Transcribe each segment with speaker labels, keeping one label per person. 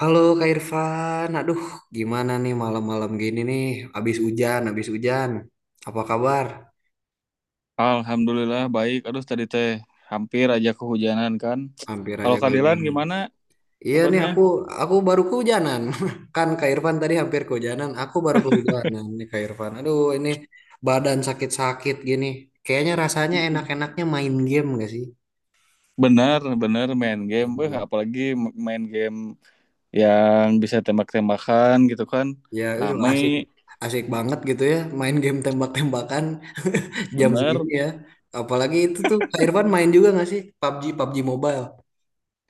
Speaker 1: Halo Kak Irfan, aduh gimana nih malam-malam gini nih, habis hujan, habis hujan. Apa kabar?
Speaker 2: Alhamdulillah baik. Aduh tadi teh hampir aja kehujanan kan.
Speaker 1: Hampir
Speaker 2: Kalau
Speaker 1: aja
Speaker 2: Kadilan
Speaker 1: kehujanan.
Speaker 2: gimana
Speaker 1: Iya nih
Speaker 2: kabarnya?
Speaker 1: aku baru kehujanan. Kan Kak Irfan tadi hampir kehujanan, aku baru kehujanan nih Kak Irfan. Aduh ini badan sakit-sakit gini. Kayaknya rasanya enak-enaknya main game gak sih?
Speaker 2: Bener, bener main game.
Speaker 1: Main
Speaker 2: Eh,
Speaker 1: game.
Speaker 2: apalagi m- main game yang bisa tembak-tembakan gitu kan.
Speaker 1: Ya itu
Speaker 2: Rame,
Speaker 1: asik asik banget gitu ya main game tembak-tembakan jam
Speaker 2: bener.
Speaker 1: segini ya. Apalagi itu tuh Kak Irfan main juga gak sih PUBG PUBG Mobile?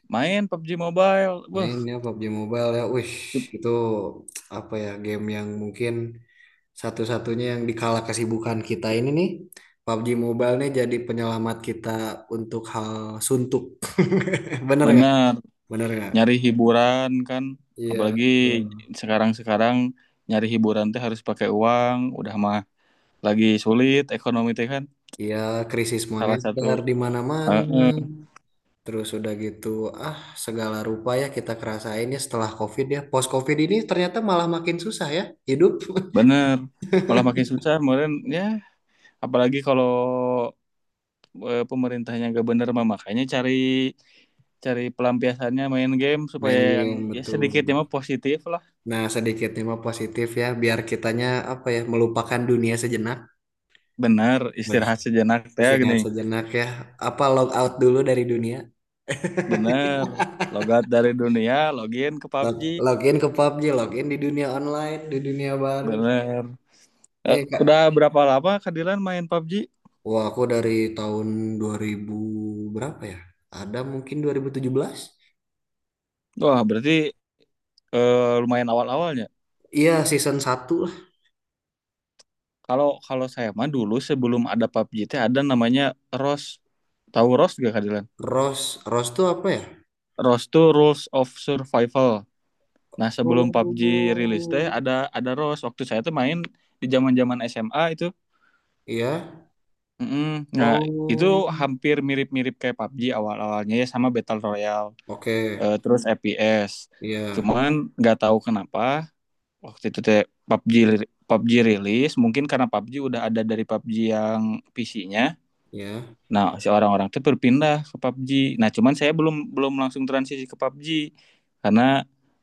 Speaker 2: Main PUBG Mobile. Wah,
Speaker 1: Mainnya PUBG Mobile ya, wish itu apa ya game yang mungkin satu-satunya yang dikala kesibukan kita ini nih PUBG Mobile nih jadi penyelamat kita untuk hal suntuk. Bener nggak?
Speaker 2: bener.
Speaker 1: Bener nggak?
Speaker 2: Nyari hiburan kan.
Speaker 1: Iya,
Speaker 2: Apalagi
Speaker 1: betul.
Speaker 2: sekarang-sekarang nyari hiburan teh harus pakai uang. Udah mah lagi sulit ekonomi teh kan.
Speaker 1: Iya, krisis
Speaker 2: Salah satu
Speaker 1: moneter di mana-mana.
Speaker 2: heeh,
Speaker 1: Terus udah gitu, ah segala rupa ya kita kerasain ya setelah COVID ya. Post COVID ini ternyata malah makin susah ya hidup.
Speaker 2: bener, malah makin susah kemarin ya, apalagi kalau pemerintahnya nggak bener mah makanya cari cari pelampiasannya main game
Speaker 1: Main
Speaker 2: supaya yang
Speaker 1: game
Speaker 2: ya
Speaker 1: betul.
Speaker 2: sedikitnya mah positif lah.
Speaker 1: Nah, sedikitnya mah positif ya, biar kitanya apa ya, melupakan dunia sejenak.
Speaker 2: Bener,
Speaker 1: Beh,
Speaker 2: istirahat sejenak teh
Speaker 1: istirahat
Speaker 2: gini.
Speaker 1: sejenak ya. Apa log out dulu dari dunia?
Speaker 2: Bener, logat dari dunia, login ke
Speaker 1: Log,
Speaker 2: PUBG.
Speaker 1: login ke PUBG, login di dunia online, di dunia baru.
Speaker 2: Bener. Eh,
Speaker 1: Nih Kak,
Speaker 2: udah berapa lama Kadilan main PUBG?
Speaker 1: wah aku dari tahun 2000 berapa ya? Ada mungkin 2017.
Speaker 2: Wah, berarti lumayan awal-awalnya.
Speaker 1: Iya, season satu lah.
Speaker 2: Kalau kalau saya mah dulu sebelum ada PUBG teh ada namanya ROS. Tahu ROS gak Kadilan?
Speaker 1: Rose, Rose tuh apa ya?
Speaker 2: ROS tuh Rules of Survival. Nah, sebelum PUBG rilis teh
Speaker 1: Oh.
Speaker 2: ada ROS. Waktu saya tuh main di zaman-zaman SMA itu.
Speaker 1: Iya.
Speaker 2: Mm-mm. Nah, itu
Speaker 1: Oh.
Speaker 2: hampir mirip-mirip kayak PUBG awal-awalnya ya sama Battle Royale,
Speaker 1: Oke,
Speaker 2: terus FPS.
Speaker 1: iya,
Speaker 2: Cuman nggak tahu kenapa waktu itu teh PUBG PUBG rilis, mungkin karena PUBG udah ada dari PUBG yang PC-nya.
Speaker 1: iya.
Speaker 2: Nah, si orang-orang itu berpindah ke PUBG. Nah, cuman saya belum belum langsung transisi ke PUBG karena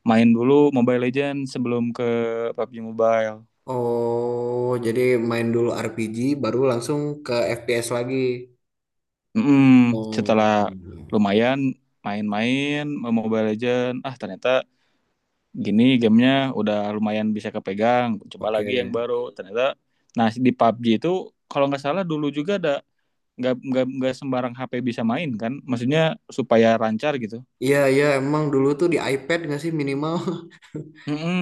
Speaker 2: main dulu Mobile Legends sebelum ke PUBG Mobile.
Speaker 1: Oh, jadi main dulu RPG, baru langsung ke FPS lagi.
Speaker 2: mm
Speaker 1: Oh,
Speaker 2: Setelah lumayan main-main Mobile Legends, ah ternyata gini gamenya, udah lumayan bisa kepegang. Coba
Speaker 1: oke.
Speaker 2: lagi yang baru. Ternyata, nah di PUBG itu kalau nggak salah dulu juga ada nggak sembarang HP bisa main kan? Maksudnya supaya lancar gitu.
Speaker 1: Iya, iya, emang dulu tuh di iPad nggak sih minimal,
Speaker 2: Mm-mm.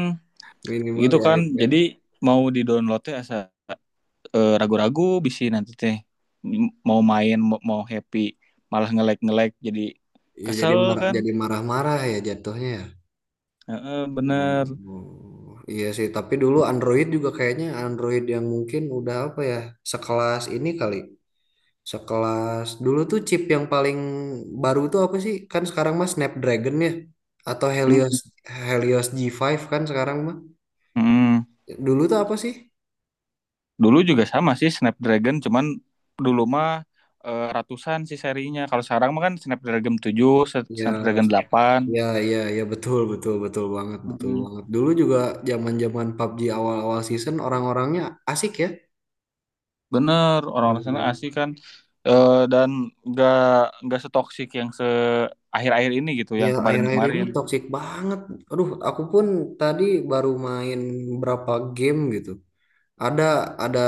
Speaker 1: minimal
Speaker 2: Gitu
Speaker 1: di
Speaker 2: kan jadi
Speaker 1: iPad.
Speaker 2: mau di downloadnya asa ragu-ragu bisa nanti teh mau main mau happy malah ngelek-ngelek jadi
Speaker 1: Ya jadi
Speaker 2: kesel
Speaker 1: marah,
Speaker 2: kan.
Speaker 1: jadi marah-marah ya jatuhnya, ya.
Speaker 2: Heeh, bener.
Speaker 1: Oh, iya sih, tapi dulu Android juga kayaknya Android yang mungkin udah apa ya, sekelas ini kali. Sekelas dulu tuh chip yang paling baru tuh apa sih? Kan sekarang mah Snapdragon ya atau Helios
Speaker 2: Mm,
Speaker 1: Helios G5 kan sekarang mah.
Speaker 2: mm.
Speaker 1: Dulu tuh apa sih?
Speaker 2: Dulu juga sama sih Snapdragon, cuman dulu mah ratusan sih serinya, kalau sekarang mah kan Snapdragon 7,
Speaker 1: Ya
Speaker 2: Snapdragon 8.
Speaker 1: ya ya ya betul betul betul banget betul
Speaker 2: mm
Speaker 1: banget. Dulu juga zaman-zaman PUBG awal-awal season orang-orangnya asik ya.
Speaker 2: Bener orang-orang sana
Speaker 1: Orang-orang.
Speaker 2: asik kan. Dan nggak nggak setoksik yang akhir-akhir ini gitu
Speaker 1: Ya
Speaker 2: yang
Speaker 1: akhir-akhir ini
Speaker 2: kemarin-kemarin.
Speaker 1: toxic banget. Aduh, aku pun tadi baru main berapa game gitu. Ada, ada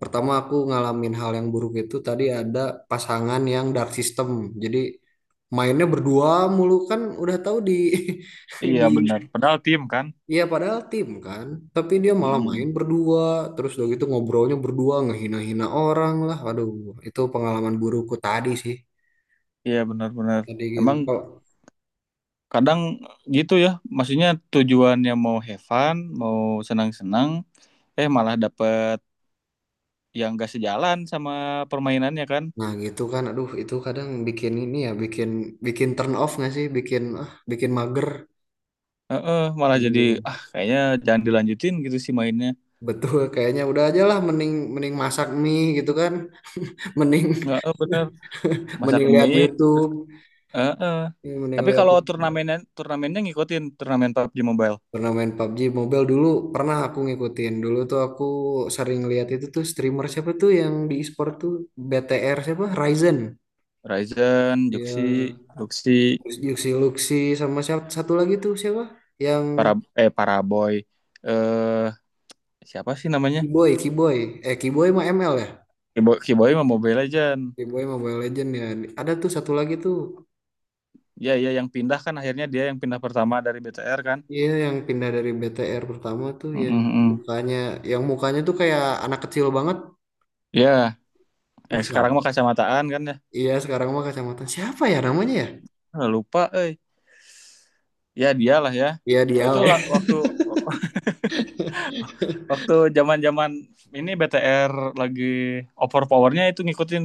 Speaker 1: pertama aku ngalamin hal yang buruk itu tadi ada pasangan yang dark system. Jadi mainnya berdua mulu kan udah tahu di
Speaker 2: Iya
Speaker 1: di,
Speaker 2: benar. Padahal tim kan.
Speaker 1: ya padahal tim kan, tapi dia malah main
Speaker 2: mm
Speaker 1: berdua, terus udah gitu ngobrolnya berdua ngehina-hina orang lah. Aduh, itu pengalaman burukku tadi sih.
Speaker 2: Iya benar-benar.
Speaker 1: Tadi game
Speaker 2: Emang
Speaker 1: kok.
Speaker 2: kadang gitu ya. Maksudnya tujuannya mau have fun, mau senang-senang, eh malah dapet yang gak sejalan sama permainannya kan.
Speaker 1: Nah, gitu kan. Aduh, itu kadang bikin ini ya, bikin bikin turn off nggak sih? Bikin ah, bikin mager.
Speaker 2: Heeh, malah jadi
Speaker 1: Aduh.
Speaker 2: ah kayaknya jangan dilanjutin gitu sih mainnya.
Speaker 1: Betul, kayaknya udah aja lah mending mending masak mie gitu kan. Mending
Speaker 2: Nggak, eh, bener. Masak
Speaker 1: mending lihat
Speaker 2: mie terus.
Speaker 1: YouTube.
Speaker 2: Heeh.
Speaker 1: Ya, mending
Speaker 2: Tapi
Speaker 1: lihat
Speaker 2: kalau
Speaker 1: YouTube.
Speaker 2: turnamennya, turnamennya ngikutin turnamen PUBG Mobile.
Speaker 1: Pernah main PUBG Mobile dulu, pernah aku ngikutin. Dulu tuh aku sering lihat itu tuh streamer siapa tuh yang di e-sport tuh BTR siapa? Ryzen.
Speaker 2: Ryzen,
Speaker 1: Ya,
Speaker 2: Juxi, Luxi,
Speaker 1: terus Yuxi Luxi sama siapa satu lagi tuh siapa? Yang
Speaker 2: para Paraboy. Eh, siapa sih namanya?
Speaker 1: Kiboy, Kiboy. Eh, Kiboy mah ML ya?
Speaker 2: Kiboy, Kiboy mau Mobile Legend.
Speaker 1: Kiboy Mobile Legend ya. Ada tuh satu lagi tuh.
Speaker 2: Ya, ya yang pindah kan akhirnya dia yang pindah pertama dari BTR kan.
Speaker 1: Iya, yang pindah dari BTR pertama tuh
Speaker 2: Mm, mm, mm.
Speaker 1: mukanya, yang mukanya tuh kayak anak kecil banget.
Speaker 2: Ya,
Speaker 1: Duh,
Speaker 2: yang sekarang
Speaker 1: siapa?
Speaker 2: mah kacamataan kan ya.
Speaker 1: Iya, sekarang mah kacamata siapa ya namanya ya?
Speaker 2: Ah, lupa, eh. Ya dialah ya.
Speaker 1: Iya
Speaker 2: Oh,
Speaker 1: dia
Speaker 2: itu
Speaker 1: lah, ya.
Speaker 2: waktu waktu zaman-zaman ini BTR lagi overpowernya itu ngikutin,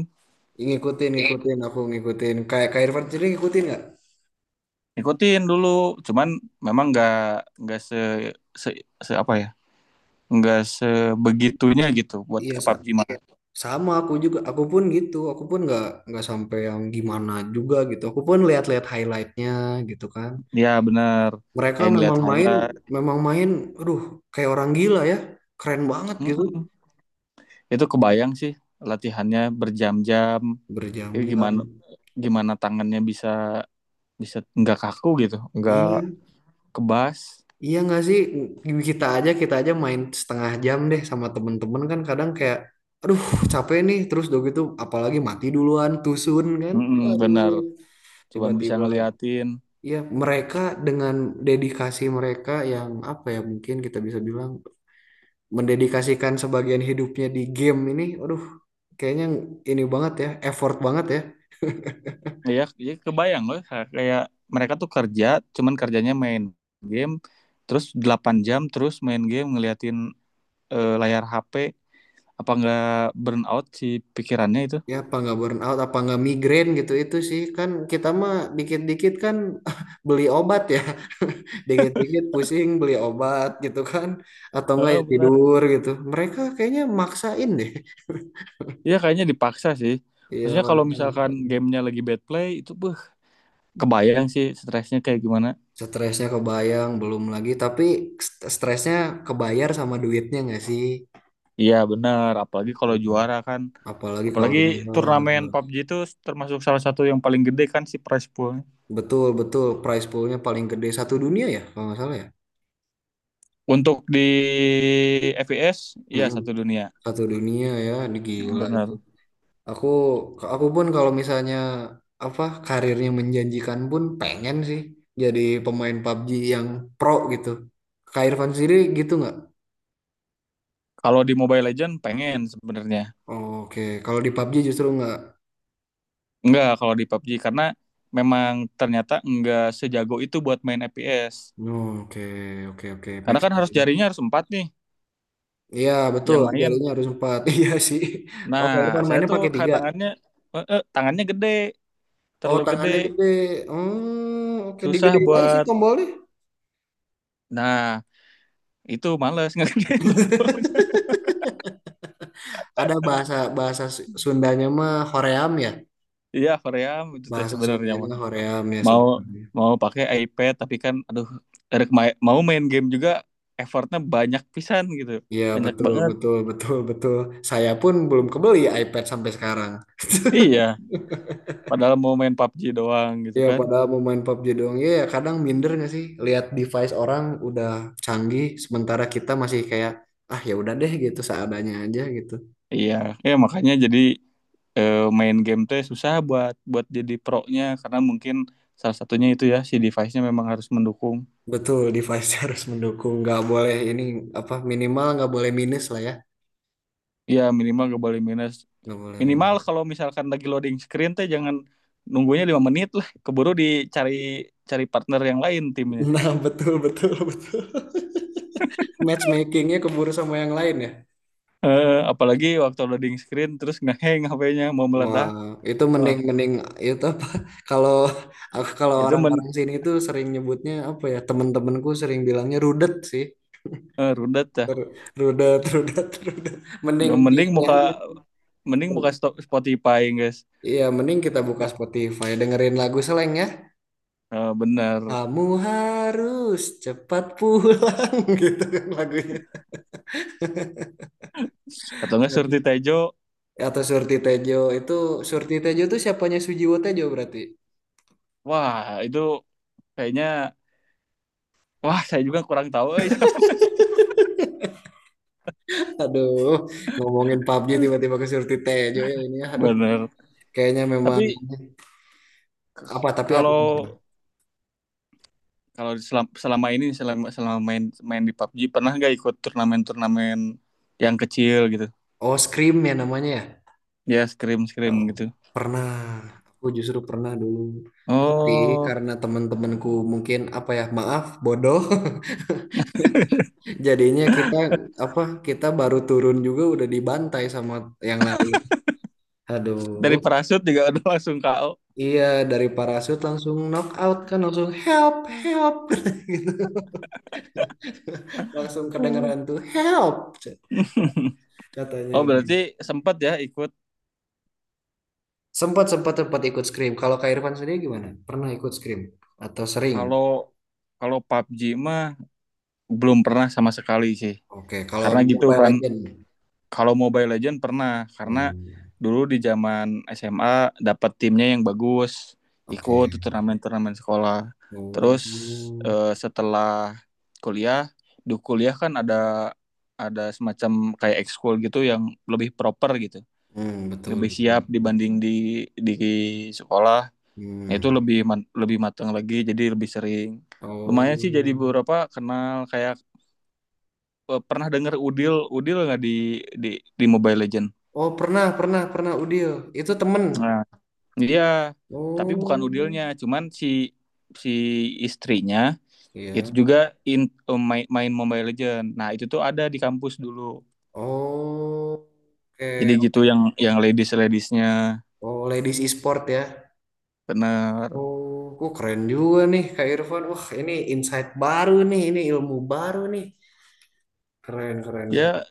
Speaker 1: Ngikutin, ngikutin, aku ngikutin. Kayak Kak Irfan sendiri ngikutin nggak?
Speaker 2: ngikutin dulu. Cuman memang nggak se, se se apa ya? Nggak sebegitunya gitu buat
Speaker 1: Iya,
Speaker 2: ke
Speaker 1: Sa.
Speaker 2: PUBG mah.
Speaker 1: Sama aku juga. Aku pun gitu. Aku pun nggak sampai yang gimana juga gitu. Aku pun lihat-lihat highlightnya gitu kan.
Speaker 2: Ya benar.
Speaker 1: Mereka
Speaker 2: Kayak ngeliat
Speaker 1: memang main,
Speaker 2: highlight.
Speaker 1: memang main. Aduh, kayak orang gila ya. Keren banget
Speaker 2: Mm,
Speaker 1: gitu.
Speaker 2: mm. Itu kebayang sih latihannya berjam-jam itu
Speaker 1: Berjam-jam.
Speaker 2: gimana, tangannya bisa, bisa nggak kaku gitu, nggak
Speaker 1: Iya.
Speaker 2: kebas.
Speaker 1: Iya nggak sih kita aja main setengah jam deh sama temen-temen kan kadang kayak aduh capek nih terus udah gitu apalagi mati duluan tusun kan
Speaker 2: Mm-mm, bener.
Speaker 1: aduh
Speaker 2: Cuman bisa
Speaker 1: tiba-tiba
Speaker 2: ngeliatin.
Speaker 1: ya mereka dengan dedikasi mereka yang apa ya mungkin kita bisa bilang mendedikasikan sebagian hidupnya di game ini aduh kayaknya ini banget ya effort banget ya.
Speaker 2: Ya ya kebayang loh, kayak mereka tuh kerja cuman kerjanya main game terus 8 jam, terus main game ngeliatin layar HP. Apa nggak burn out si pikirannya itu.
Speaker 1: Ya apa nggak burn out, apa nggak migrain gitu itu sih kan kita mah dikit-dikit kan beli obat ya, dikit-dikit pusing beli obat gitu kan, atau enggak ya
Speaker 2: Eh benar.
Speaker 1: tidur gitu. Mereka kayaknya maksain deh.
Speaker 2: Iya kayaknya dipaksa sih.
Speaker 1: Iya
Speaker 2: Maksudnya kalau
Speaker 1: mereka
Speaker 2: misalkan
Speaker 1: maksain.
Speaker 2: gamenya lagi bad play itu beuh, kebayang sih stresnya kayak gimana.
Speaker 1: Stresnya kebayang belum lagi, tapi stresnya kebayar sama duitnya nggak sih?
Speaker 2: Iya benar, apalagi kalau
Speaker 1: Hmm.
Speaker 2: juara kan.
Speaker 1: Apalagi
Speaker 2: Apalagi
Speaker 1: kalau bunga
Speaker 2: turnamen PUBG itu termasuk salah satu yang paling gede kan si prize poolnya.
Speaker 1: betul betul prize poolnya paling gede satu dunia ya kalau nggak salah ya.
Speaker 2: Untuk di FPS, iya
Speaker 1: Mm-mm.
Speaker 2: satu dunia.
Speaker 1: Satu dunia ya,
Speaker 2: Hmm,
Speaker 1: gila itu.
Speaker 2: benar.
Speaker 1: Aku aku pun kalau misalnya apa karirnya menjanjikan pun pengen sih jadi pemain PUBG yang pro gitu. Kak Irfan sendiri gitu nggak?
Speaker 2: Kalau di Mobile Legend pengen sebenarnya.
Speaker 1: Oke. Kalau di PUBG justru nggak.
Speaker 2: Enggak kalau di PUBG karena memang ternyata enggak sejago itu buat main FPS.
Speaker 1: Oke, oke, oke, make
Speaker 2: Karena kan harus
Speaker 1: sense.
Speaker 2: jarinya harus empat nih
Speaker 1: Iya betul,
Speaker 2: yang main.
Speaker 1: jarinya harus empat. Iya sih.
Speaker 2: Nah,
Speaker 1: Oke, Irfan
Speaker 2: saya
Speaker 1: mainnya
Speaker 2: tuh
Speaker 1: pakai
Speaker 2: kayak
Speaker 1: tiga.
Speaker 2: tangannya tangannya gede,
Speaker 1: Oh,
Speaker 2: terlalu gede,
Speaker 1: tangannya gede. Hmm, oke,
Speaker 2: susah
Speaker 1: digedein aja sih
Speaker 2: buat.
Speaker 1: tombolnya.
Speaker 2: Nah, itu males ngerjain tombolnya.
Speaker 1: Ada bahasa bahasa Sundanya mah hoream ya.
Speaker 2: Iya Korea itu teh
Speaker 1: Bahasa
Speaker 2: sebenarnya
Speaker 1: Sundanya
Speaker 2: mah
Speaker 1: hoream ya
Speaker 2: mau
Speaker 1: sebenarnya.
Speaker 2: mau pakai iPad tapi kan aduh dari mau main game juga effortnya banyak pisan gitu,
Speaker 1: Iya
Speaker 2: banyak
Speaker 1: betul
Speaker 2: banget.
Speaker 1: betul betul betul. Saya pun belum kebeli iPad sampai sekarang.
Speaker 2: Iya padahal mau main PUBG doang gitu
Speaker 1: Ya
Speaker 2: kan.
Speaker 1: padahal mau main PUBG doang. Ya ya, kadang minder nggak sih lihat device orang udah canggih sementara kita masih kayak ah ya udah deh gitu seadanya aja gitu.
Speaker 2: Iya, ya makanya jadi main game teh susah buat, buat jadi pro-nya karena mungkin salah satunya itu ya si device-nya memang harus mendukung.
Speaker 1: Betul device harus mendukung. Nggak boleh ini apa minimal nggak boleh minus lah ya.
Speaker 2: Iya minimal gak boleh minus,
Speaker 1: Nggak boleh
Speaker 2: minimal
Speaker 1: minus.
Speaker 2: kalau misalkan lagi loading screen teh jangan nunggunya 5 menit lah, keburu dicari, cari partner yang lain timnya.
Speaker 1: Nah betul betul betul. Matchmakingnya keburu sama yang lain ya.
Speaker 2: eh Apalagi waktu loading screen terus ngeheng HP-nya mau
Speaker 1: Wah,
Speaker 2: meledak,
Speaker 1: itu
Speaker 2: wah
Speaker 1: mending mending itu apa? Kalau aku kalau
Speaker 2: itu
Speaker 1: orang-orang sini tuh sering nyebutnya apa ya? Temen-temenku sering bilangnya rudet sih.
Speaker 2: rudet dah.
Speaker 1: Ru- Rudet, rudet, rudet. Mending di
Speaker 2: mending
Speaker 1: ini
Speaker 2: muka
Speaker 1: aja.
Speaker 2: Mending muka stop Spotify guys.
Speaker 1: Iya, mending kita buka Spotify, dengerin lagu Slank ya.
Speaker 2: Eh, bener.
Speaker 1: Kamu harus cepat pulang gitu kan lagunya.
Speaker 2: Atau enggak Surti
Speaker 1: Aduh.
Speaker 2: Tejo.
Speaker 1: Atau Surti Tejo itu siapanya Sujiwo Tejo berarti.
Speaker 2: Wah itu kayaknya, wah saya juga kurang tahu eh.
Speaker 1: Aduh, ngomongin PUBG tiba-tiba ke Surti Tejo ya ini, ya. Aduh.
Speaker 2: Bener,
Speaker 1: Kayaknya memang
Speaker 2: tapi
Speaker 1: apa tapi apa?
Speaker 2: kalau, kalau selama, selama ini selama selama main, main di PUBG pernah nggak ikut turnamen-turnamen yang kecil gitu?
Speaker 1: Oh, Scream ya namanya ya.
Speaker 2: Ya scrim-scrim
Speaker 1: Oh,
Speaker 2: gitu.
Speaker 1: pernah. Aku justru pernah dulu. Tapi
Speaker 2: Oh,
Speaker 1: karena teman-temanku mungkin apa ya, maaf, bodoh. Jadinya kita apa? Kita baru turun juga udah dibantai sama yang lain.
Speaker 2: dari
Speaker 1: Aduh.
Speaker 2: parasut juga udah langsung KO.
Speaker 1: Iya, dari parasut langsung knock out kan langsung help, help gitu. Langsung
Speaker 2: Hmm.
Speaker 1: kedengeran tuh help katanya
Speaker 2: Oh,
Speaker 1: udah.
Speaker 2: berarti sempat ya ikut.
Speaker 1: Sempat sempat sempat ikut scrim. Kalau Kak Irfan sendiri gimana? Pernah ikut scrim atau sering?
Speaker 2: Kalau kalau PUBG mah belum pernah sama sekali sih.
Speaker 1: Oke, kalau
Speaker 2: Karena gitu
Speaker 1: Mobile
Speaker 2: kan.
Speaker 1: Legend.
Speaker 2: Kalau Mobile Legend pernah karena
Speaker 1: Hmm,
Speaker 2: dulu di zaman SMA dapat timnya yang bagus, ikut
Speaker 1: oke.
Speaker 2: turnamen-turnamen sekolah. Terus
Speaker 1: Hmm.
Speaker 2: setelah kuliah, di kuliah kan ada semacam kayak ekskul gitu yang lebih proper gitu,
Speaker 1: Hmm, betul
Speaker 2: lebih
Speaker 1: betul,
Speaker 2: siap
Speaker 1: betul.
Speaker 2: dibanding di sekolah. Nah, itu
Speaker 1: Hmm.
Speaker 2: lebih lebih matang lagi, jadi lebih sering. Lumayan sih jadi
Speaker 1: Oh.
Speaker 2: beberapa kenal kayak pernah dengar Udil, Udil nggak di di di Mobile Legend?
Speaker 1: Oh, pernah pernah pernah Udil. Itu temen.
Speaker 2: Nah, iya, tapi bukan
Speaker 1: Oh.
Speaker 2: Udilnya, cuman si si istrinya itu
Speaker 1: Iya.
Speaker 2: juga in, main Mobile Legend. Nah, itu tuh ada di kampus dulu.
Speaker 1: Oh.
Speaker 2: Jadi
Speaker 1: Oke,
Speaker 2: gitu yang
Speaker 1: oke.
Speaker 2: ladies-ladiesnya.
Speaker 1: Oh, ladies e-sport ya.
Speaker 2: Bener.
Speaker 1: Oh, kok keren juga nih Kak Irfan. Wah, ini insight baru nih, ini ilmu baru nih. Keren, keren, keren.
Speaker 2: Ya,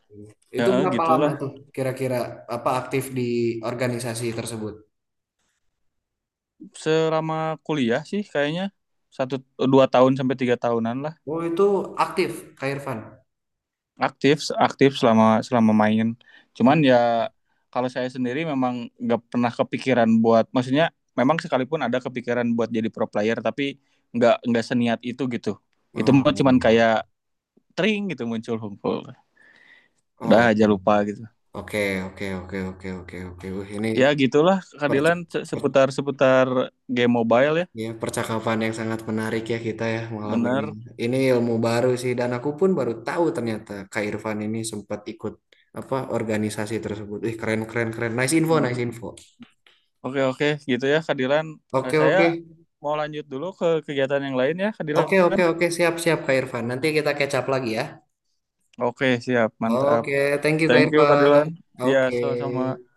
Speaker 2: ya
Speaker 1: Itu berapa lama
Speaker 2: gitulah.
Speaker 1: tuh kira-kira apa aktif di organisasi tersebut?
Speaker 2: Selama kuliah sih kayaknya satu 2 tahun sampai 3 tahunan lah.
Speaker 1: Oh, itu aktif, Kak Irfan.
Speaker 2: Aktif, aktif selama selama main cuman
Speaker 1: Hmm.
Speaker 2: ya kalau saya sendiri memang nggak pernah kepikiran buat, maksudnya memang sekalipun ada kepikiran buat jadi pro player tapi nggak seniat itu gitu. Itu mah cuman
Speaker 1: Oh,
Speaker 2: kayak tring gitu muncul hunkul, udah
Speaker 1: oh,
Speaker 2: aja lupa gitu.
Speaker 1: oke, oke, oke, oke, oke, oke. Wih, ini
Speaker 2: Ya gitulah keadilan,
Speaker 1: perc- per-
Speaker 2: seputar seputar game mobile ya.
Speaker 1: ya, percakapan yang sangat menarik ya kita ya malam ini.
Speaker 2: Bener.
Speaker 1: Ini ilmu baru sih dan aku pun baru tahu ternyata Kak Irfan ini sempat ikut apa organisasi tersebut. Ih, keren, keren, keren. Nice info, nice
Speaker 2: Mm.
Speaker 1: info.
Speaker 2: Oke, oke, gitu ya keadilan. Nah,
Speaker 1: Oke,
Speaker 2: saya
Speaker 1: oke.
Speaker 2: mau lanjut dulu ke kegiatan yang lain ya keadilan.
Speaker 1: Oke, oke, oke, siap, siap, Kak Irfan. Nanti kita catch up lagi ya.
Speaker 2: Oke siap mantap.
Speaker 1: Oke, thank you, Kak
Speaker 2: Thank you kak
Speaker 1: Irfan.
Speaker 2: Dilan. Iya
Speaker 1: Oke.
Speaker 2: sama sama.